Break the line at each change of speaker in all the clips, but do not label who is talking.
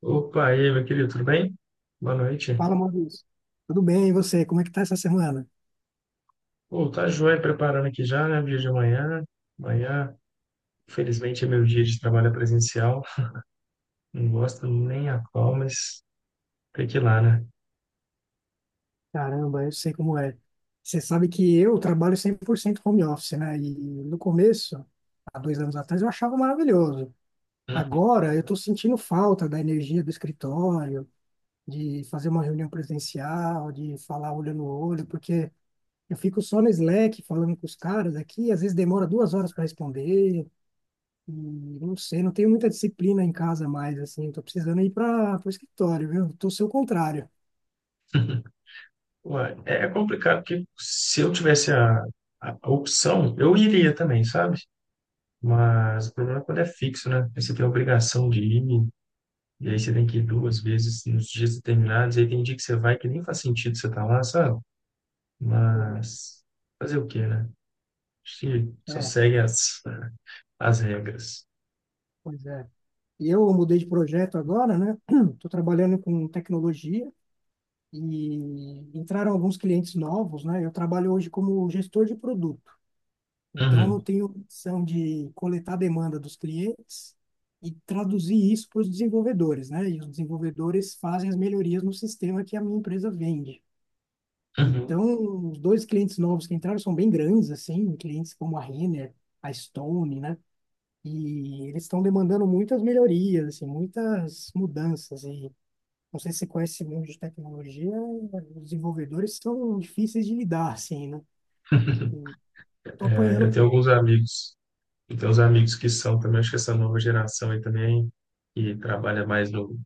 Opa, e aí, meu querido, tudo bem? Boa noite.
Fala, Maurício. Tudo bem, e você? Como é que tá essa semana?
Pô, tá joia preparando aqui já, né? Dia de amanhã. Amanhã, felizmente, é meu dia de trabalho presencial. Não gosto nem a qual, mas tem que ir lá, né?
Caramba, eu sei como é. Você sabe que eu trabalho 100% home office, né? E no começo, há 2 anos atrás, eu achava maravilhoso. Agora, eu estou sentindo falta da energia do escritório, de fazer uma reunião presencial, de falar olho no olho, porque eu fico só no Slack falando com os caras aqui, às vezes demora 2 horas para responder, e não sei, não tenho muita disciplina em casa mais, assim, estou precisando ir para o escritório, viu? Estou seu contrário.
Ué, é complicado, porque se eu tivesse a opção, eu iria também, sabe? Mas o problema é quando é fixo, né? Aí você tem a obrigação de ir, e aí você tem que ir duas vezes nos dias determinados, aí tem dia que você vai que nem faz sentido você estar lá, sabe? Mas fazer o quê, né? Acho que só
É,
segue as regras.
pois é. E eu mudei de projeto agora, né? Estou trabalhando com tecnologia e entraram alguns clientes novos, né? Eu trabalho hoje como gestor de produto. Então, eu
Uhum,
tenho a missão de coletar a demanda dos clientes e traduzir isso para os desenvolvedores, né? E os desenvolvedores fazem as melhorias no sistema que a minha empresa vende.
uhum.
Então, os dois clientes novos que entraram são bem grandes, assim, clientes como a Renner, a Stone, né? E eles estão demandando muitas melhorias, assim, muitas mudanças. E não sei se você conhece esse mundo de tecnologia, os desenvolvedores são difíceis de lidar, assim, né? Tô
É,
apanhando um
eu tenho
pouco,
alguns amigos, eu tenho uns amigos que são também, acho que essa nova geração aí também, que trabalha mais no,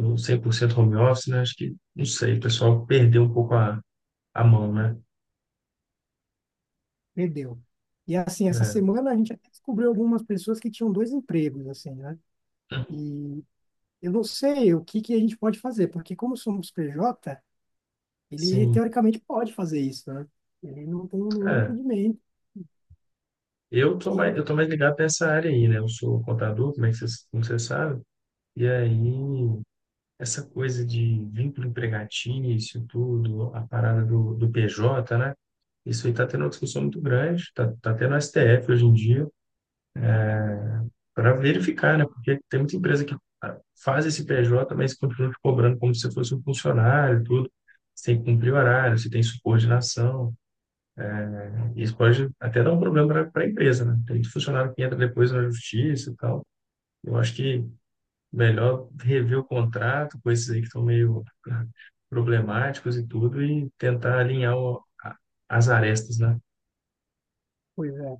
no 100% home office, né? Acho que, não sei, o pessoal perdeu um pouco a mão, né?
perdeu. E assim, essa
É.
semana a gente até descobriu algumas pessoas que tinham dois empregos, assim, né?
Uhum.
E eu não sei o que que a gente pode fazer, porque como somos PJ, ele
Sim,
teoricamente pode fazer isso, né? Ele não tem nenhum
é.
impedimento. Que
Eu tô mais ligado nessa área aí, né? Eu sou contador, como vocês sabem, e aí essa coisa de vínculo empregatício, tudo, a parada do PJ, né? Isso aí está tendo uma discussão muito grande, está tá tendo STF hoje em dia, para verificar, né? Porque tem muita empresa que faz esse PJ, mas continua te cobrando como se fosse um funcionário, e tudo. Você tem que cumprir horário, você tem subordinação. Isso pode até dar um problema para a empresa, né? Tem muito funcionário que entra depois na justiça e tal. Eu acho que melhor rever o contrato, coisas aí que estão meio problemáticos e tudo, e tentar alinhar as arestas, né?
coisa.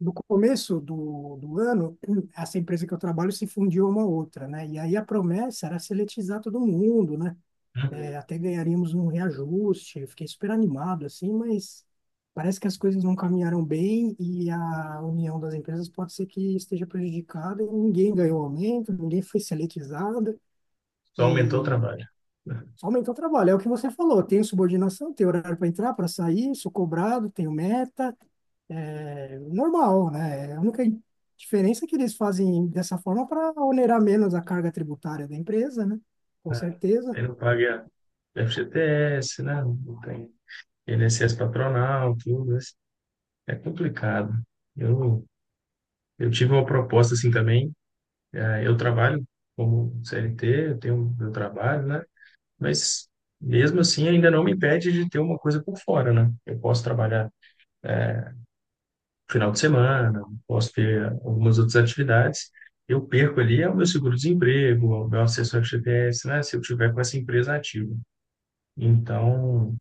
No começo do ano, essa empresa que eu trabalho se fundiu a uma outra, né? E aí a promessa era seletizar todo mundo, né?
Uhum.
É, até ganharíamos um reajuste. Eu fiquei super animado, assim, mas parece que as coisas não caminharam bem e a união das empresas pode ser que esteja prejudicada e ninguém ganhou aumento, ninguém foi seletizado.
Só aumentou o
E
trabalho. Né?
só aumentar o trabalho. É o que você falou. Tenho subordinação, tenho horário para entrar, para sair, sou cobrado, tenho meta. É normal, né? A única diferença é que eles fazem dessa forma para onerar menos a carga tributária da empresa, né? Com
Né?
certeza,
Aí não paga FGTS, né? Não tem INSS patronal, tudo. Isso. É complicado. Eu, eu tive uma proposta assim também. Eu trabalho como CLT, eu tenho meu trabalho, né? Mas mesmo assim ainda não me impede de ter uma coisa por fora, né? Eu posso trabalhar é, final de semana, posso ter algumas outras atividades. Eu perco ali é o meu seguro-desemprego, é o meu acesso ao FGTS, né? Se eu tiver com essa empresa ativa. Então,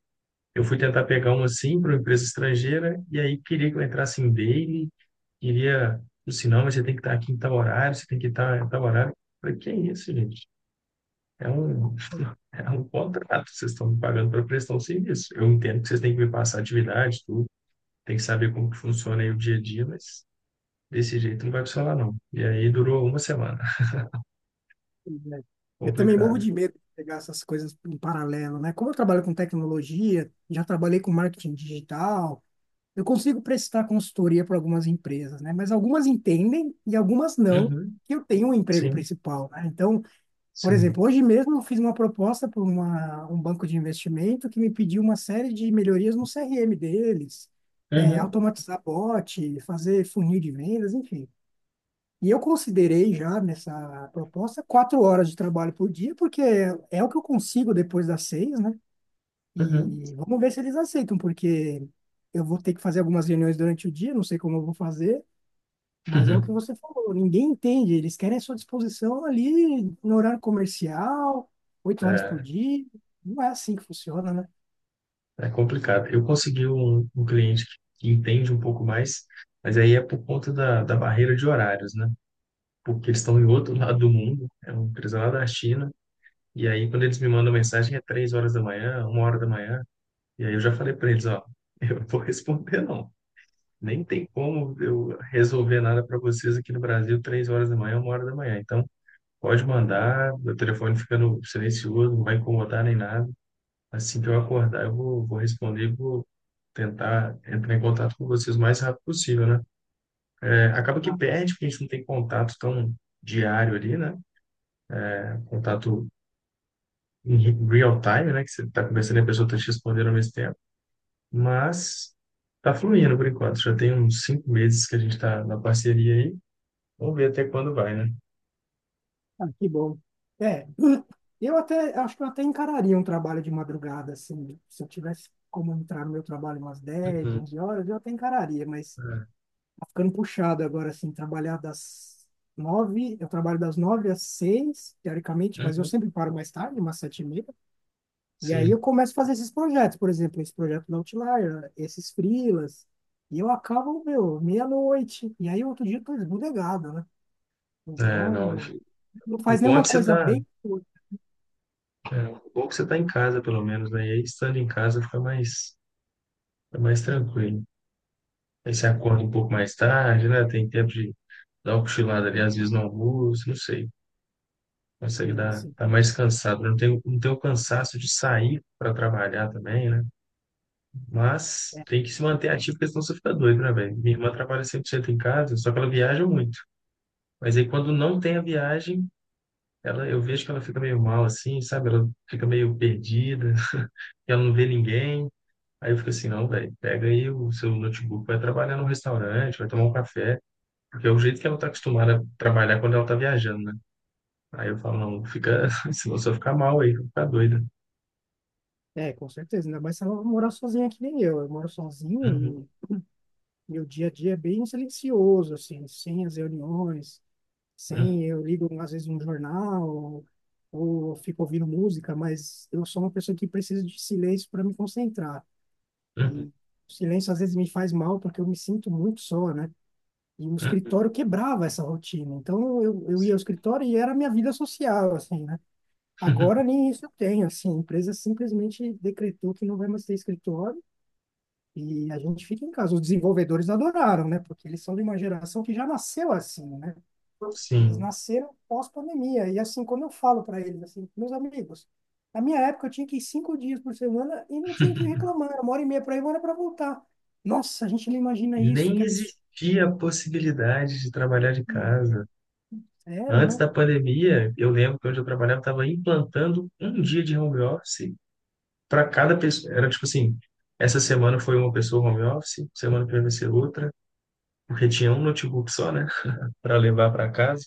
eu fui tentar pegar uma assim para uma empresa estrangeira e aí queria que eu entrasse em daily, queria, o sinal, mas você tem que estar aqui em tal horário, você tem que estar em tal horário. Eu falei, que é isso, gente? É um, é um contrato, vocês estão me pagando para prestar um serviço. Eu entendo que vocês têm que me passar atividade, tudo, tem que saber como que funciona aí o dia a dia, mas desse jeito não vai funcionar, não. E aí durou uma semana.
né? Eu também morro
Complicado.
de medo de pegar essas coisas em paralelo, né? Como eu trabalho com tecnologia, já trabalhei com marketing digital, eu consigo prestar consultoria para algumas empresas, né? Mas algumas entendem e algumas não,
Uhum,
que eu tenho um emprego
sim,
principal, né? Então, por
sim.
exemplo, hoje mesmo eu fiz uma proposta para um banco de investimento que me pediu uma série de melhorias no CRM deles, é,
Uhum,
automatizar bot, fazer funil de vendas, enfim. E eu considerei já nessa proposta 4 horas de trabalho por dia, porque é o que eu consigo depois das 6, né?
uhum.
E vamos ver se eles aceitam, porque eu vou ter que fazer algumas reuniões durante o dia, não sei como eu vou fazer, mas é o que você falou, ninguém entende. Eles querem a sua disposição ali no horário comercial, 8 horas por dia. Não é assim que funciona, né?
É complicado. Eu consegui um cliente que entende um pouco mais, mas aí é por conta da barreira de horários, né? Porque eles estão em outro lado do mundo, é uma empresa lá da China, e aí quando eles me mandam mensagem é 3 horas da manhã, 1 hora da manhã, e aí eu já falei para eles, ó, eu não vou responder não. Nem tem como eu resolver nada para vocês aqui no Brasil 3 horas da manhã, uma hora da manhã. Então, pode
Que bom.
mandar, meu telefone fica no silencioso, não vai incomodar nem nada. Assim que eu acordar, vou responder, e vou tentar entrar em contato com vocês o mais rápido possível, né? É, acaba que
Ah,
perde, porque a gente não tem contato tão diário ali, né? Contato em real time, né? Que você está conversando e a pessoa está te respondendo ao mesmo tempo. Mas está fluindo por enquanto. Já tem uns 5 meses que a gente está na parceria aí. Vamos ver até quando vai, né?
ah, que bom. É, eu até acho que eu até encararia um trabalho de madrugada, assim, se eu tivesse como entrar no meu trabalho umas dez
Uhum.
onze horas, eu até encararia, mas
É.
tá ficando puxado agora, assim, trabalhar das 9, eu trabalho das 9 às 6 teoricamente, mas eu
Uhum.
sempre paro mais tarde, umas 7:30. E aí
Sim.
eu começo a fazer esses projetos, por exemplo, esse projeto da Outlier, esses freelas, e eu acabo, meu, meia-noite, e aí outro dia eu tô esbudegado, né?
É, não.
Então, não
O
faz
bom é
nenhuma
que você
coisa
está,
bem curta,
é, o bom é que você tá em casa, pelo menos, né? E aí, estando em casa, fica mais
assim,
tranquilo. Aí você acorda um pouco mais tarde, né? Tem tempo de dá uma cochilada ali, às vezes no almoço, não sei. Consegue
assim,
dar,
assim.
tá mais cansado. Né? Não tem o cansaço de sair para trabalhar também, né? Mas
É,
tem que se manter ativo, porque senão você fica doido, né, velho? Minha irmã trabalha 100% em casa, só que ela viaja muito. Mas aí quando não tem a viagem, ela, eu vejo que ela fica meio mal assim, sabe? Ela fica meio perdida, que ela não vê ninguém. Aí eu fico assim, não, velho, pega aí o seu notebook, vai trabalhar num restaurante, vai tomar um café, porque é o jeito que ela tá acostumada a trabalhar quando ela tá viajando, né? Aí eu falo, não, fica, se você ficar mal aí, vai ficar doida.
é, com certeza, ainda mais se eu morar sozinha que nem eu, moro
Uhum,
sozinho e meu dia a dia é bem silencioso, assim, sem as reuniões,
uhum,
sem, eu ligo às vezes um jornal, ou eu fico ouvindo música, mas eu sou uma pessoa que precisa de silêncio para me concentrar.
uhum,
O silêncio às vezes me faz mal porque eu me sinto muito só, né? E o
uhum.
escritório quebrava essa rotina. Então eu ia ao escritório e era a minha vida social, assim, né? Agora nem isso eu tenho, assim. A empresa simplesmente decretou que não vai mais ter escritório e a gente fica em casa. Os desenvolvedores adoraram, né? Porque eles são de uma geração que já nasceu assim, né? Eles
Sim.
nasceram pós-pandemia. E assim, quando eu falo para eles, assim, meus amigos, na minha época eu tinha que ir 5 dias por semana e não tinha que reclamar. Era uma hora e meia para ir, uma hora para voltar. Nossa, a gente não imagina
E
isso,
nem
que absurdo.
existia a possibilidade de trabalhar de casa.
Sério, né?
Antes da pandemia, eu lembro que onde eu trabalhava estava implantando um dia de home office para cada pessoa. Era tipo assim, essa semana foi uma pessoa home office, semana que vem vai ser outra, porque tinha um notebook só, né, para levar para casa.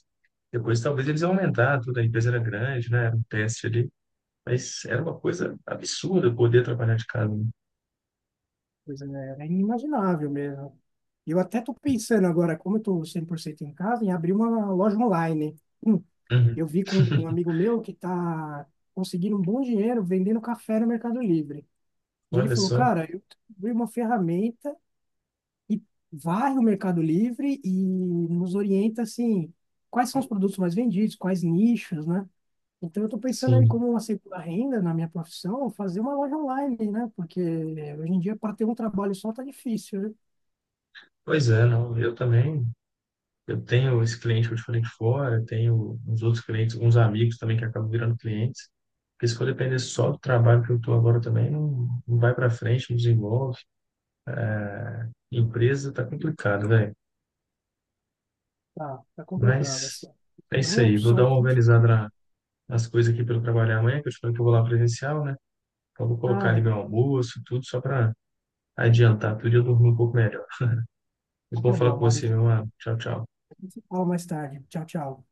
Depois talvez eles iam aumentar, tudo, a empresa era grande, né, era um teste ali. Mas era uma coisa absurda eu poder trabalhar de casa. Né?
Pois é, era inimaginável mesmo. E eu até tô pensando agora, como eu tô 100% em casa, em abrir uma loja online. Hum,
Uhum.
eu vi com um amigo meu que está conseguindo um bom dinheiro vendendo café no Mercado Livre. E ele
Olha
falou,
só,
cara, eu abri uma ferramenta e varre o Mercado Livre e nos orienta assim, quais são os produtos mais vendidos, quais nichos, né? Então eu estou pensando aí
sim.
como uma segunda renda na minha profissão, fazer uma loja online, né? Porque hoje em dia para ter um trabalho só tá difícil, né?
Pois é, não, eu também. Eu tenho esse cliente que eu te falei de fora, tenho uns outros clientes, uns amigos também que acabam virando clientes. Porque se for depender só do trabalho que eu estou agora também, não, não vai para frente, não desenvolve. Empresa tá complicado, velho.
Tá, tá complicado
Mas
assim.
é isso
Então
aí. Vou
só
dar uma
isso.
organizada nas coisas aqui para eu trabalhar amanhã, que eu te falei que eu vou lá presencial, né? Então vou
Ah,
colocar ali meu
legal.
almoço, tudo, só para adiantar tudo e eu dormir um pouco melhor. Muito
Então
bom
tá
falar
bom,
com você,
Maurício.
meu mano. Tchau, tchau.
A gente se fala mais tarde. Tchau, tchau.